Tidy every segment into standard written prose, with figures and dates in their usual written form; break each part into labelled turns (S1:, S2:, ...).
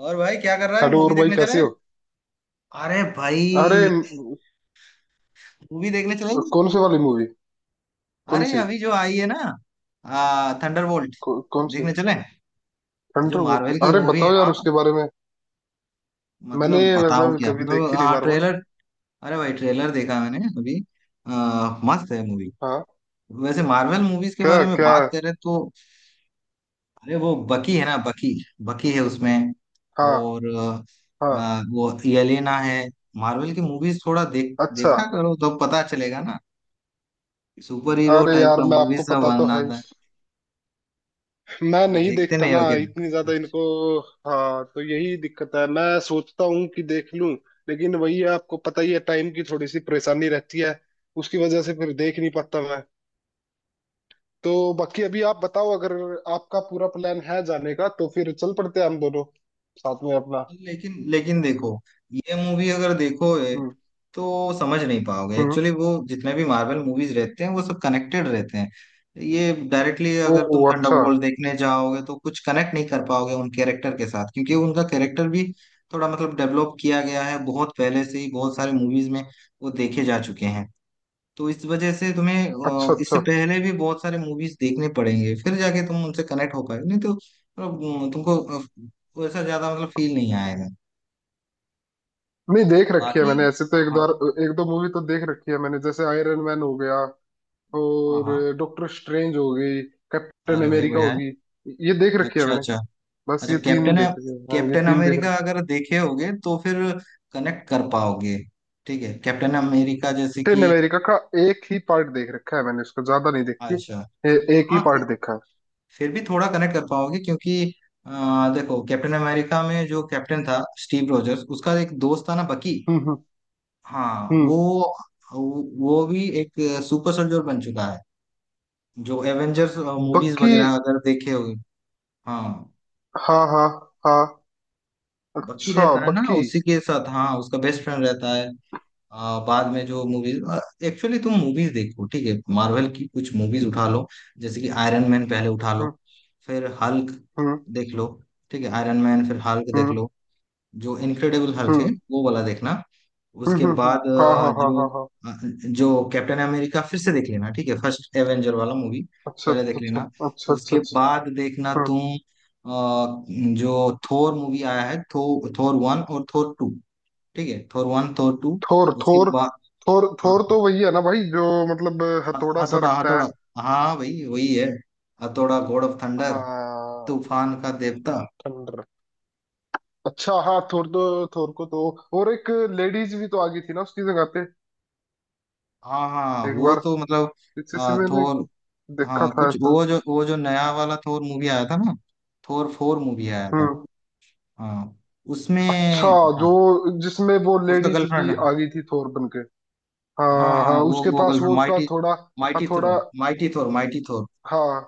S1: और भाई, क्या कर रहा है?
S2: हेलो।
S1: मूवी
S2: और भाई
S1: देखने
S2: कैसे
S1: चले?
S2: हो?
S1: अरे
S2: अरे
S1: भाई, मूवी देखने चलेंगे।
S2: कौन से वाली मूवी? कौन
S1: अरे,
S2: सी?
S1: अभी जो आई है ना, थंडरबोल्ट,
S2: कौन सी?
S1: देखने चले? जो
S2: थंडरबोल्ट?
S1: मार्वल की
S2: अरे
S1: मूवी है।
S2: बताओ यार
S1: हाँ,
S2: उसके बारे में। मैंने
S1: मतलब बताओ
S2: मतलब
S1: क्या?
S2: कभी
S1: मतलब
S2: देखी नहीं
S1: हाँ,
S2: मार्वल।
S1: ट्रेलर। अरे भाई, ट्रेलर देखा मैंने अभी। मस्त है मूवी।
S2: हाँ।
S1: वैसे मार्वल मूवीज के
S2: क्या
S1: बारे में
S2: क्या?
S1: बात करें, तो अरे वो बकी है ना, बकी। बकी है उसमें।
S2: हाँ
S1: और
S2: हाँ।
S1: वो एलिना है। मार्वल की मूवीज थोड़ा देख
S2: अच्छा।
S1: देखा करो तो पता चलेगा ना। सुपर हीरो
S2: अरे
S1: टाइप
S2: यार,
S1: का
S2: मैं, आपको
S1: मूवीज में
S2: पता तो है ही,
S1: बनाता है।
S2: मैं
S1: अरे
S2: नहीं
S1: देखते
S2: देखता
S1: नहीं
S2: ना
S1: हो क्या?
S2: इतनी ज्यादा
S1: अच्छा।
S2: इनको। हाँ तो यही दिक्कत है। मैं सोचता हूँ कि देख लूं, लेकिन वही है, आपको पता ही है, टाइम की थोड़ी सी परेशानी रहती है। उसकी वजह से फिर देख नहीं पाता। तो बाकी अभी आप बताओ, अगर आपका पूरा प्लान है जाने का तो फिर चल पड़ते हैं हम दोनों साथ में अपना।
S1: लेकिन लेकिन देखो, ये मूवी अगर देखोगे
S2: हम्म।
S1: तो समझ नहीं पाओगे।
S2: हम्म।
S1: एक्चुअली, वो जितने भी मार्वल मूवीज रहते हैं वो सब कनेक्टेड रहते हैं। ये डायरेक्टली
S2: ओ।
S1: अगर तुम
S2: अच्छा
S1: थंडरबोल्ट देखने जाओगे तो कुछ कनेक्ट नहीं कर पाओगे उन कैरेक्टर के साथ, क्योंकि उनका कैरेक्टर भी थोड़ा मतलब डेवलप किया गया है बहुत पहले से ही। बहुत सारे मूवीज में वो देखे जा चुके हैं। तो इस वजह से तुम्हें
S2: अच्छा
S1: इससे
S2: अच्छा।
S1: पहले भी बहुत सारे मूवीज देखने पड़ेंगे, फिर जाके तुम उनसे कनेक्ट हो पाए। नहीं तो मतलब तुमको वैसा ज्यादा मतलब फील नहीं आएगा।
S2: नहीं, देख रखी है
S1: बाकी
S2: मैंने ऐसे तो एक
S1: हाँ,
S2: बार। एक दो मूवी तो देख रखी है मैंने, जैसे आयरन मैन हो गया,
S1: हाँ
S2: और
S1: हाँ।
S2: डॉक्टर स्ट्रेंज हो गई, कैप्टन
S1: अरे भाई,
S2: अमेरिका
S1: बढ़िया है।
S2: होगी, ये देख रखी है
S1: अच्छा,
S2: मैंने।
S1: अच्छा,
S2: बस
S1: अच्छा।
S2: ये तीन
S1: कैप्टन,
S2: देख रखी है। हाँ, ये
S1: कैप्टन
S2: तीन देख रखी।
S1: अमेरिका अगर देखे होगे तो फिर कनेक्ट कर पाओगे। ठीक है, कैप्टन अमेरिका जैसे
S2: कैप्टन
S1: कि
S2: अमेरिका का एक ही पार्ट देख रखा है मैंने, उसका ज्यादा नहीं देखी है।
S1: अच्छा
S2: एक ही
S1: हाँ,
S2: पार्ट देखा है।
S1: फिर भी थोड़ा कनेक्ट कर पाओगे, क्योंकि अ, देखो, कैप्टन अमेरिका में जो कैप्टन था स्टीव रोजर्स, उसका एक दोस्त था ना, बकी।
S2: हम्म हम्म
S1: हाँ,
S2: हम्म।
S1: वो भी एक सुपर सोल्जर बन चुका है। जो एवेंजर्स मूवीज
S2: बाकी।
S1: वगैरह अगर देखे हो, हाँ,
S2: हाँ हाँ हाँ।
S1: बकी
S2: अच्छा
S1: रहता है ना
S2: बक्की।
S1: उसी के साथ। हाँ, उसका बेस्ट फ्रेंड रहता है। बाद में जो मूवीज, एक्चुअली तुम मूवीज देखो, ठीक है? मार्वल की कुछ मूवीज उठा लो। जैसे कि आयरन मैन पहले उठा लो,
S2: हम्म
S1: फिर हल्क
S2: हम्म
S1: देख लो। ठीक है, आयरन मैन, फिर हल्क देख
S2: हम्म
S1: लो। जो इनक्रेडिबल हल्क है,
S2: हम्म।
S1: वो वाला देखना। उसके
S2: हम्म।
S1: बाद
S2: हाँ हाँ हाँ हाँ हाँ।
S1: अ, जो कैप्टन अमेरिका फिर से देख लेना। ठीक है, फर्स्ट एवेंजर वाला मूवी
S2: अच्छा
S1: पहले देख
S2: अच्छा अच्छा।
S1: लेना।
S2: अच्छा अच्छा
S1: उसके
S2: अच्छा।
S1: बाद देखना
S2: हम्म।
S1: तुम जो थोर मूवी आया है, थोर वन और थोर टू। ठीक है, Thor one, Thor two.
S2: Thor
S1: उसके
S2: थोर।
S1: बाद
S2: थोर
S1: हाँ,
S2: थोर तो वही है ना भाई, जो मतलब हथौड़ा सा
S1: हथौड़ा,
S2: रखता है।
S1: हथौड़ा। हाँ भाई, वही है। हथौड़ा, गॉड ऑफ थंडर,
S2: हाँ।
S1: तूफान का देवता।
S2: थंडर। अच्छा हाँ, थोर तो, थोर को तो, और एक लेडीज भी तो आ गई थी ना उसकी जगह पे
S1: हाँ हाँ,
S2: एक
S1: वो
S2: बार,
S1: तो मतलब
S2: इससे से मैंने
S1: थोर।
S2: देखा
S1: हाँ,
S2: था
S1: कुछ
S2: ऐसा।
S1: वो जो नया वाला थोर मूवी आया था ना, थोर फोर मूवी आया था।
S2: हम्म।
S1: हाँ,
S2: अच्छा।
S1: उसमें था।
S2: जो जिसमें वो
S1: उसका
S2: लेडीज भी
S1: गर्लफ्रेंड।
S2: आ गई थी थोर बन के।
S1: हाँ
S2: हाँ
S1: हाँ,
S2: हाँ,
S1: वो
S2: उसके
S1: वो
S2: पास
S1: गर्लफ्रेंड,
S2: वो उसका
S1: माइटी,
S2: हथौड़ा।
S1: माइटी थ्रो,
S2: हथौड़ा।
S1: Mighty Thor, mighty Thor.
S2: हाँ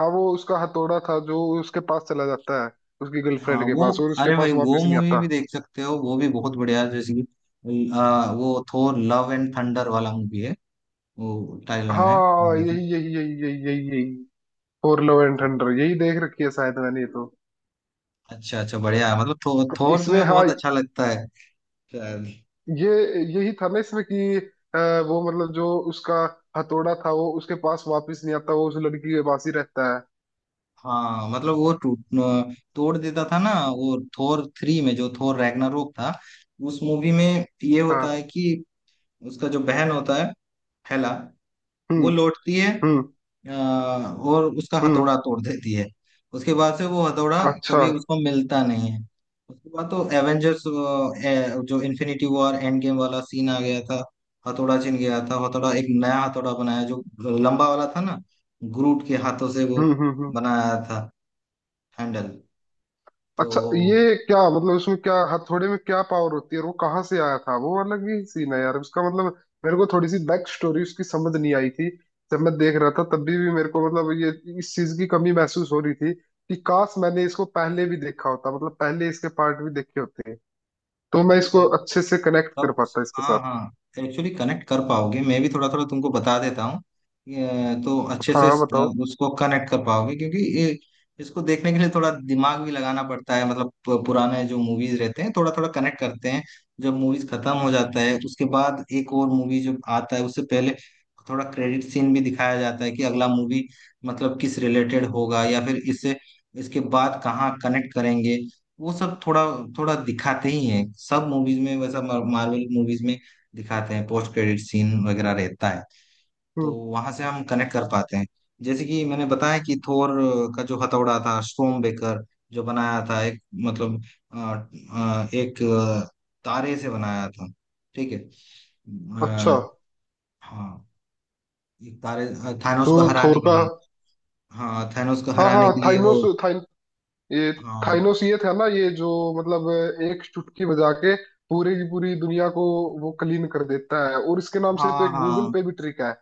S2: हाँ, वो उसका हथौड़ा था जो उसके पास चला जाता है, उसकी
S1: हाँ,
S2: गर्लफ्रेंड के
S1: वो,
S2: पास, और उसके
S1: अरे
S2: पास
S1: भाई वो
S2: वापस नहीं
S1: मूवी
S2: आता।
S1: भी देख सकते हो, वो भी बहुत बढ़िया है। जैसे कि वो थोर लव एंड थंडर वाला मूवी है। वो टाइटल नेम है
S2: हाँ,
S1: मूवी का।
S2: यही यही यही यही यही यही, फॉर लव एंड
S1: हाँ,
S2: थंडर, यही देख रखी है शायद मैंने ये तो।
S1: अच्छा अच्छा, बढ़िया है। मतलब थोर
S2: इसमें
S1: तुम्हें
S2: हाँ।
S1: बहुत अच्छा लगता है।
S2: ये यही था ना इसमें कि अ, वो मतलब जो उसका हथौड़ा था वो उसके पास वापस नहीं आता, वो उस लड़की के पास ही रहता है।
S1: हाँ, मतलब वो टूट तोड़ देता था ना। वो थोर थ्री में जो थोर रैग्नारोक था, उस मूवी में ये होता है
S2: हाँ।
S1: कि उसका जो बहन होता है, हेला,
S2: हम्म
S1: वो लौटती है
S2: हम्म
S1: और उसका
S2: हम्म।
S1: हथौड़ा तोड़ देती है। उसके बाद से वो हथौड़ा
S2: अच्छा।
S1: कभी उसको मिलता नहीं है। उसके बाद तो एवेंजर्स जो इन्फिनिटी वॉर एंड गेम वाला सीन आ गया था, हथौड़ा छिन गया था। हथौड़ा, एक नया हथौड़ा बनाया, जो लंबा वाला था ना, ग्रूट के हाथों से वो
S2: हम्म।
S1: बनाया था, हैंडल।
S2: अच्छा,
S1: तो
S2: ये क्या मतलब, इसमें क्या हथौड़े में क्या पावर होती है और वो कहाँ से आया था, वो अलग ही सीन है यार उसका, मतलब मेरे को थोड़ी सी बैक स्टोरी उसकी समझ नहीं आई थी जब मैं देख रहा था, तब भी मेरे को मतलब ये, इस चीज की कमी महसूस हो रही थी कि काश मैंने इसको पहले भी देखा होता, मतलब पहले इसके पार्ट भी देखे होते तो मैं
S1: अरे भाई
S2: इसको अच्छे से कनेक्ट कर
S1: तब,
S2: पाता इसके
S1: हाँ
S2: साथ।
S1: हाँ, एक्चुअली कनेक्ट कर पाओगे। मैं भी थोड़ा थोड़ा तुमको बता देता हूँ, तो अच्छे से
S2: हाँ बताओ।
S1: उसको कनेक्ट कर पाओगे। क्योंकि ये, इसको देखने के लिए थोड़ा दिमाग भी लगाना पड़ता है। मतलब पुराने जो मूवीज रहते हैं, थोड़ा थोड़ा कनेक्ट करते हैं। जब मूवीज खत्म हो जाता है, उसके बाद एक और मूवी जब आता है, उससे पहले थोड़ा क्रेडिट सीन भी दिखाया जाता है कि अगला मूवी मतलब किस रिलेटेड होगा, या फिर इससे इसके बाद कहाँ कनेक्ट करेंगे। वो सब थोड़ा थोड़ा दिखाते ही हैं सब मूवीज में। वैसा मार्वल मूवीज में दिखाते हैं, पोस्ट क्रेडिट सीन वगैरह रहता है। तो
S2: हम्म।
S1: वहां से हम कनेक्ट कर पाते हैं। जैसे कि मैंने बताया कि थोर का जो हथौड़ा था, स्टॉर्म बेकर, जो बनाया था, एक मतलब अ, एक तारे से बनाया था। ठीक है।
S2: अच्छा।
S1: अ, हाँ, एक तारे, थानोस
S2: जो
S1: को हराने
S2: थोर
S1: के
S2: का।
S1: लिए। हाँ, थानोस को
S2: हाँ
S1: हराने
S2: हाँ
S1: के लिए वो,
S2: थाइनोस। ये
S1: हाँ
S2: थाइनोस ये था ना, ये जो मतलब एक चुटकी बजा के पूरे की पूरी दुनिया को वो क्लीन कर देता है। और इसके नाम से तो
S1: हाँ
S2: एक गूगल
S1: हाँ,
S2: पे भी ट्रिक है,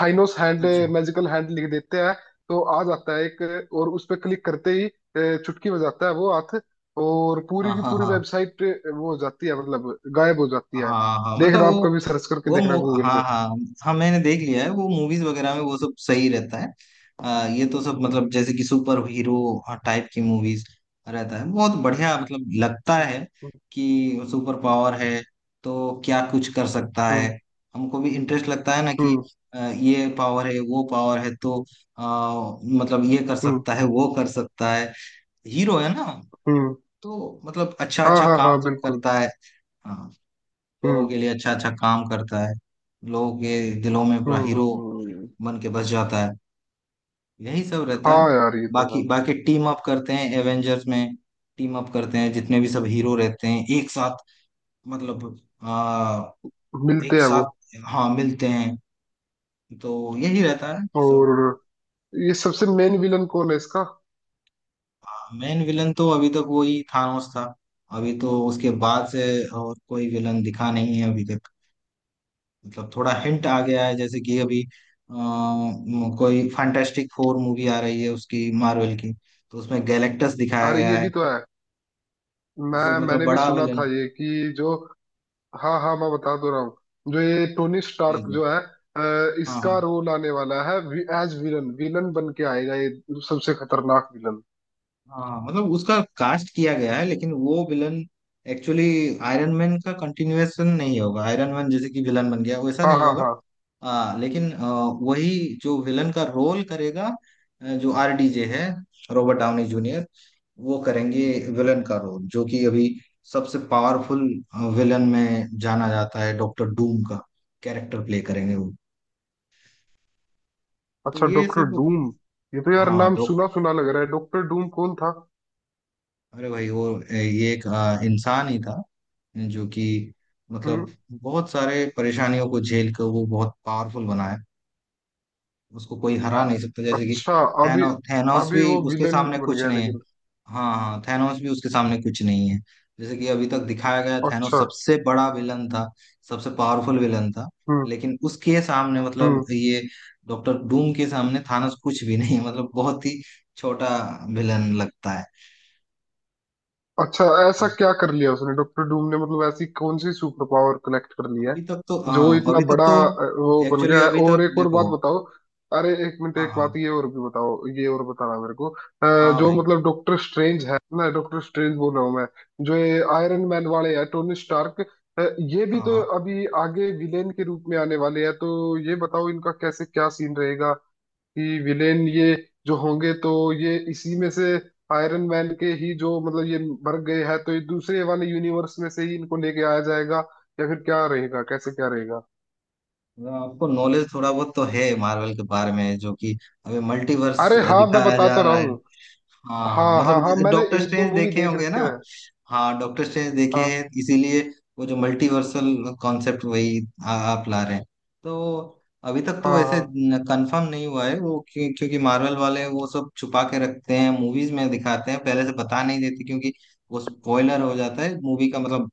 S2: थाइनोस हैंड
S1: अच्छा,
S2: मैजिकल हैंड लिख देते हैं तो आ जाता है एक, और उस पर क्लिक करते ही चुटकी बजाता है वो हाथ, और पूरी
S1: हाँ
S2: की
S1: हाँ
S2: पूरी
S1: हाँ,
S2: वेबसाइट वो हो जाती है, मतलब गायब हो जाती
S1: हाँ
S2: है।
S1: हाँ हाँ, मतलब
S2: देखना आप कभी सर्च करके
S1: वो
S2: देखना
S1: मु
S2: गूगल
S1: हाँ
S2: पे।
S1: हाँ। हाँ, मैंने देख लिया है वो मूवीज वगैरह में। वो सब सही रहता है। ये तो सब मतलब जैसे कि सुपर हीरो टाइप की मूवीज रहता है। बहुत बढ़िया, मतलब लगता है
S2: हम्म
S1: कि सुपर पावर है, तो क्या कुछ कर सकता है।
S2: हम्म
S1: हमको भी इंटरेस्ट लगता है ना कि
S2: हम्म
S1: ये पावर है, वो पावर है। तो मतलब ये कर
S2: हम्म।
S1: सकता है, वो कर सकता है। हीरो है ना,
S2: हम्म
S1: तो मतलब अच्छा
S2: हाँ
S1: अच्छा
S2: हाँ
S1: काम
S2: हाँ
S1: सब
S2: बिल्कुल।
S1: करता है। हाँ, लोगों
S2: हम्म
S1: के लिए अच्छा अच्छा काम करता है। लोगों के दिलों में पूरा
S2: हम्म
S1: हीरो
S2: हम्म, हम्म।
S1: बन के बस जाता है। यही सब रहता है।
S2: हाँ यार, ये तो
S1: बाकी,
S2: है।
S1: बाकी टीम अप करते हैं एवेंजर्स में। टीम अप करते हैं जितने भी सब हीरो रहते हैं एक साथ। मतलब आ, एक
S2: मिलते हैं वो।
S1: साथ हाँ मिलते हैं। तो यही रहता है
S2: और
S1: सब।
S2: ये सबसे मेन विलन कौन है इसका?
S1: मेन विलन तो अभी तक वही थानोस था। अभी तो उसके बाद से और कोई विलन दिखा नहीं है अभी तक। मतलब थोड़ा हिंट आ गया है, जैसे कि अभी कोई फैंटास्टिक फोर मूवी आ रही है उसकी, मार्वल की। तो उसमें गैलेक्टस दिखाया
S2: अरे
S1: गया
S2: ये
S1: है,
S2: भी तो है।
S1: उससे
S2: मैं
S1: मतलब
S2: मैंने भी
S1: बड़ा
S2: सुना
S1: विलन।
S2: था ये कि जो, हाँ हाँ मैं बता दो रहा हूँ, जो ये टोनी
S1: जी
S2: स्टार्क
S1: जी,
S2: जो है
S1: हाँ
S2: इसका
S1: हाँ
S2: रोल आने वाला है, एज विलन, विलन बन के आएगा ये, सबसे खतरनाक विलन।
S1: हाँ, मतलब उसका कास्ट किया गया है। लेकिन वो विलन एक्चुअली आयरन मैन का कंटिन्यूएशन नहीं होगा। आयरन मैन जैसे कि विलन बन गया, वैसा
S2: हाँ
S1: नहीं
S2: हाँ
S1: होगा।
S2: हाँ।
S1: लेकिन वही जो विलन का रोल करेगा, जो आरडीजे है, रॉबर्ट डाउनी जूनियर, वो करेंगे विलन का रोल, जो कि अभी सबसे पावरफुल विलन में जाना जाता है। डॉक्टर डूम का कैरेक्टर प्ले करेंगे वो। तो
S2: अच्छा
S1: ये
S2: डॉक्टर
S1: सब।
S2: डूम। ये तो यार
S1: हाँ,
S2: नाम
S1: डॉक्टर,
S2: सुना सुना लग रहा है, डॉक्टर डूम कौन था?
S1: अरे भाई वो ये एक इंसान ही था, जो कि मतलब
S2: हम्म।
S1: बहुत सारे परेशानियों को झेल कर वो बहुत पावरफुल बना है। उसको कोई हरा नहीं सकता, जैसे कि
S2: अच्छा। अभी
S1: थैनोस
S2: अभी
S1: भी
S2: वो
S1: उसके
S2: विलन
S1: सामने
S2: बन
S1: कुछ
S2: गया
S1: नहीं है।
S2: लेकिन।
S1: हाँ हाँ, थैनोस भी उसके सामने कुछ नहीं है। जैसे कि अभी तक दिखाया गया, थैनोस
S2: अच्छा।
S1: सबसे बड़ा विलन था, सबसे पावरफुल विलन था।
S2: हम्म
S1: लेकिन उसके सामने मतलब
S2: हम्म।
S1: ये डॉक्टर डूम के सामने थानोस कुछ भी नहीं है, मतलब बहुत ही छोटा विलन लगता है।
S2: अच्छा, ऐसा क्या कर लिया उसने डॉक्टर डूम ने, मतलब ऐसी कौन सी सुपर पावर कलेक्ट कर लिया
S1: अभी
S2: है
S1: तक तो
S2: जो
S1: हाँ,
S2: इतना
S1: अभी तक
S2: बड़ा
S1: तो
S2: वो बन
S1: एक्चुअली
S2: गया है?
S1: अभी
S2: और
S1: तक
S2: एक और बात
S1: देखो,
S2: बताओ। अरे एक मिनट
S1: हाँ
S2: एक बात
S1: हाँ,
S2: ये और भी बताओ, ये और बताना मेरे को
S1: हाँ
S2: जो
S1: भाई,
S2: मतलब डॉक्टर स्ट्रेंज है ना, डॉक्टर स्ट्रेंज बोल रहा हूँ मैं, जो ये आयरन मैन वाले हैं, टोनी स्टार्क, ये भी
S1: हाँ
S2: तो
S1: हाँ।
S2: अभी आगे विलेन के रूप में आने वाले हैं, तो ये बताओ इनका कैसे क्या सीन रहेगा, कि विलेन ये जो होंगे तो ये इसी में से, आयरन मैन के ही जो मतलब ये मर गए हैं तो ये दूसरे वाले यूनिवर्स में से ही इनको लेके आया जाएगा या फिर क्या रहेगा, कैसे क्या रहेगा?
S1: आपको नॉलेज थोड़ा बहुत तो है मार्वल के बारे में, जो कि अभी मल्टीवर्स
S2: अरे हाँ मैं
S1: दिखाया
S2: बता
S1: जा
S2: तो रहा
S1: रहा है।
S2: हूँ।
S1: हाँ,
S2: हाँ हाँ हाँ,
S1: मतलब
S2: मैंने
S1: डॉक्टर
S2: एक दो
S1: स्ट्रेंज
S2: मूवी
S1: देखे
S2: देख
S1: होंगे
S2: रखी
S1: ना?
S2: है।
S1: हाँ, डॉक्टर स्ट्रेंज देखे हैं
S2: हाँ
S1: इसीलिए। वो जो मल्टीवर्सल कॉन्सेप्ट, वही आप ला रहे हैं। तो अभी तक तो
S2: हाँ
S1: वैसे
S2: हाँ।
S1: कंफर्म नहीं हुआ है वो, क्योंकि मार्वल वाले वो सब छुपा के रखते हैं। मूवीज में दिखाते हैं, पहले से बता नहीं देते, क्योंकि वो स्पॉइलर हो जाता है मूवी का। मतलब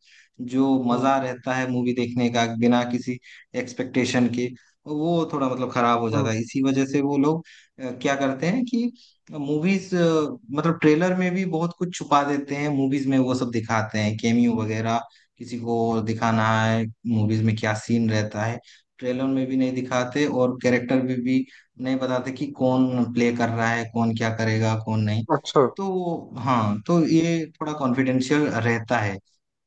S1: जो
S2: हम्म
S1: मजा रहता है मूवी देखने का बिना किसी एक्सपेक्टेशन के, वो थोड़ा मतलब खराब हो जाता
S2: हम्म।
S1: है। इसी वजह से वो लोग क्या करते हैं कि मूवीज मतलब ट्रेलर में भी बहुत कुछ छुपा देते हैं। मूवीज में वो सब दिखाते हैं, कैमियो वगैरह। किसी को दिखाना है मूवीज में क्या सीन रहता है, ट्रेलर में भी नहीं दिखाते। और कैरेक्टर भी नहीं बताते कि कौन प्ले कर रहा है, कौन क्या करेगा, कौन नहीं।
S2: अच्छा।
S1: तो हाँ, तो ये थोड़ा कॉन्फिडेंशियल रहता है,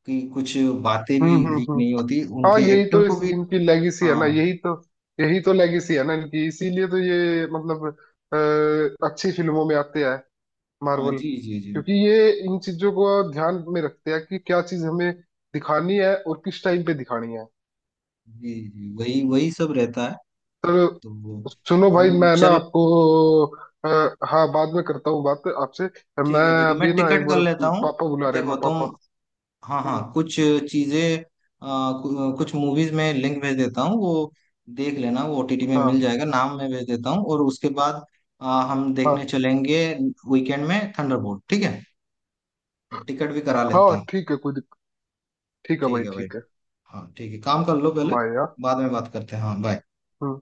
S1: कि कुछ बातें भी लीक
S2: हम्म।
S1: नहीं होती
S2: हाँ
S1: उनके
S2: यही
S1: एक्टर
S2: तो
S1: को भी।
S2: इनकी लेगेसी है ना,
S1: हाँ
S2: यही तो। यही तो लेगेसी है ना इनकी, इसीलिए तो ये मतलब अच्छी फिल्मों में आते हैं,
S1: हाँ,
S2: मार्वल,
S1: जी जी जी,
S2: क्योंकि ये इन चीजों को ध्यान में रखते हैं कि क्या चीज हमें दिखानी है और किस टाइम पे दिखानी है।
S1: जी जी, वही वही सब रहता है। तो
S2: तो सुनो भाई,
S1: हम
S2: मैं ना
S1: चलो,
S2: आपको अ, हाँ बाद में करता हूँ बात आपसे,
S1: ठीक
S2: मैं
S1: है, ठीक है,
S2: अभी
S1: मैं
S2: ना, एक
S1: टिकट कर
S2: बार
S1: लेता हूँ।
S2: पापा बुला रहे हैं,
S1: देखो
S2: मैं
S1: तुम,
S2: पापा।
S1: हाँ हाँ,
S2: हम्म।
S1: कुछ चीजें कुछ मूवीज में लिंक भेज देता हूँ। वो देख लेना, वो ओटीटी में मिल
S2: हाँ
S1: जाएगा। नाम मैं भेज देता हूँ और उसके बाद हम देखने
S2: हाँ
S1: चलेंगे वीकेंड में, थंडरबोल्ट। ठीक है, मैं टिकट भी करा लेता
S2: हाँ,
S1: हूँ।
S2: ठीक है, कोई दिक्कत? ठीक है
S1: ठीक
S2: भाई,
S1: है भाई,
S2: ठीक है।
S1: हाँ ठीक है, काम कर लो पहले।
S2: बाय यार।
S1: बाद में बात करते हैं, हाँ बाय।
S2: हम्म।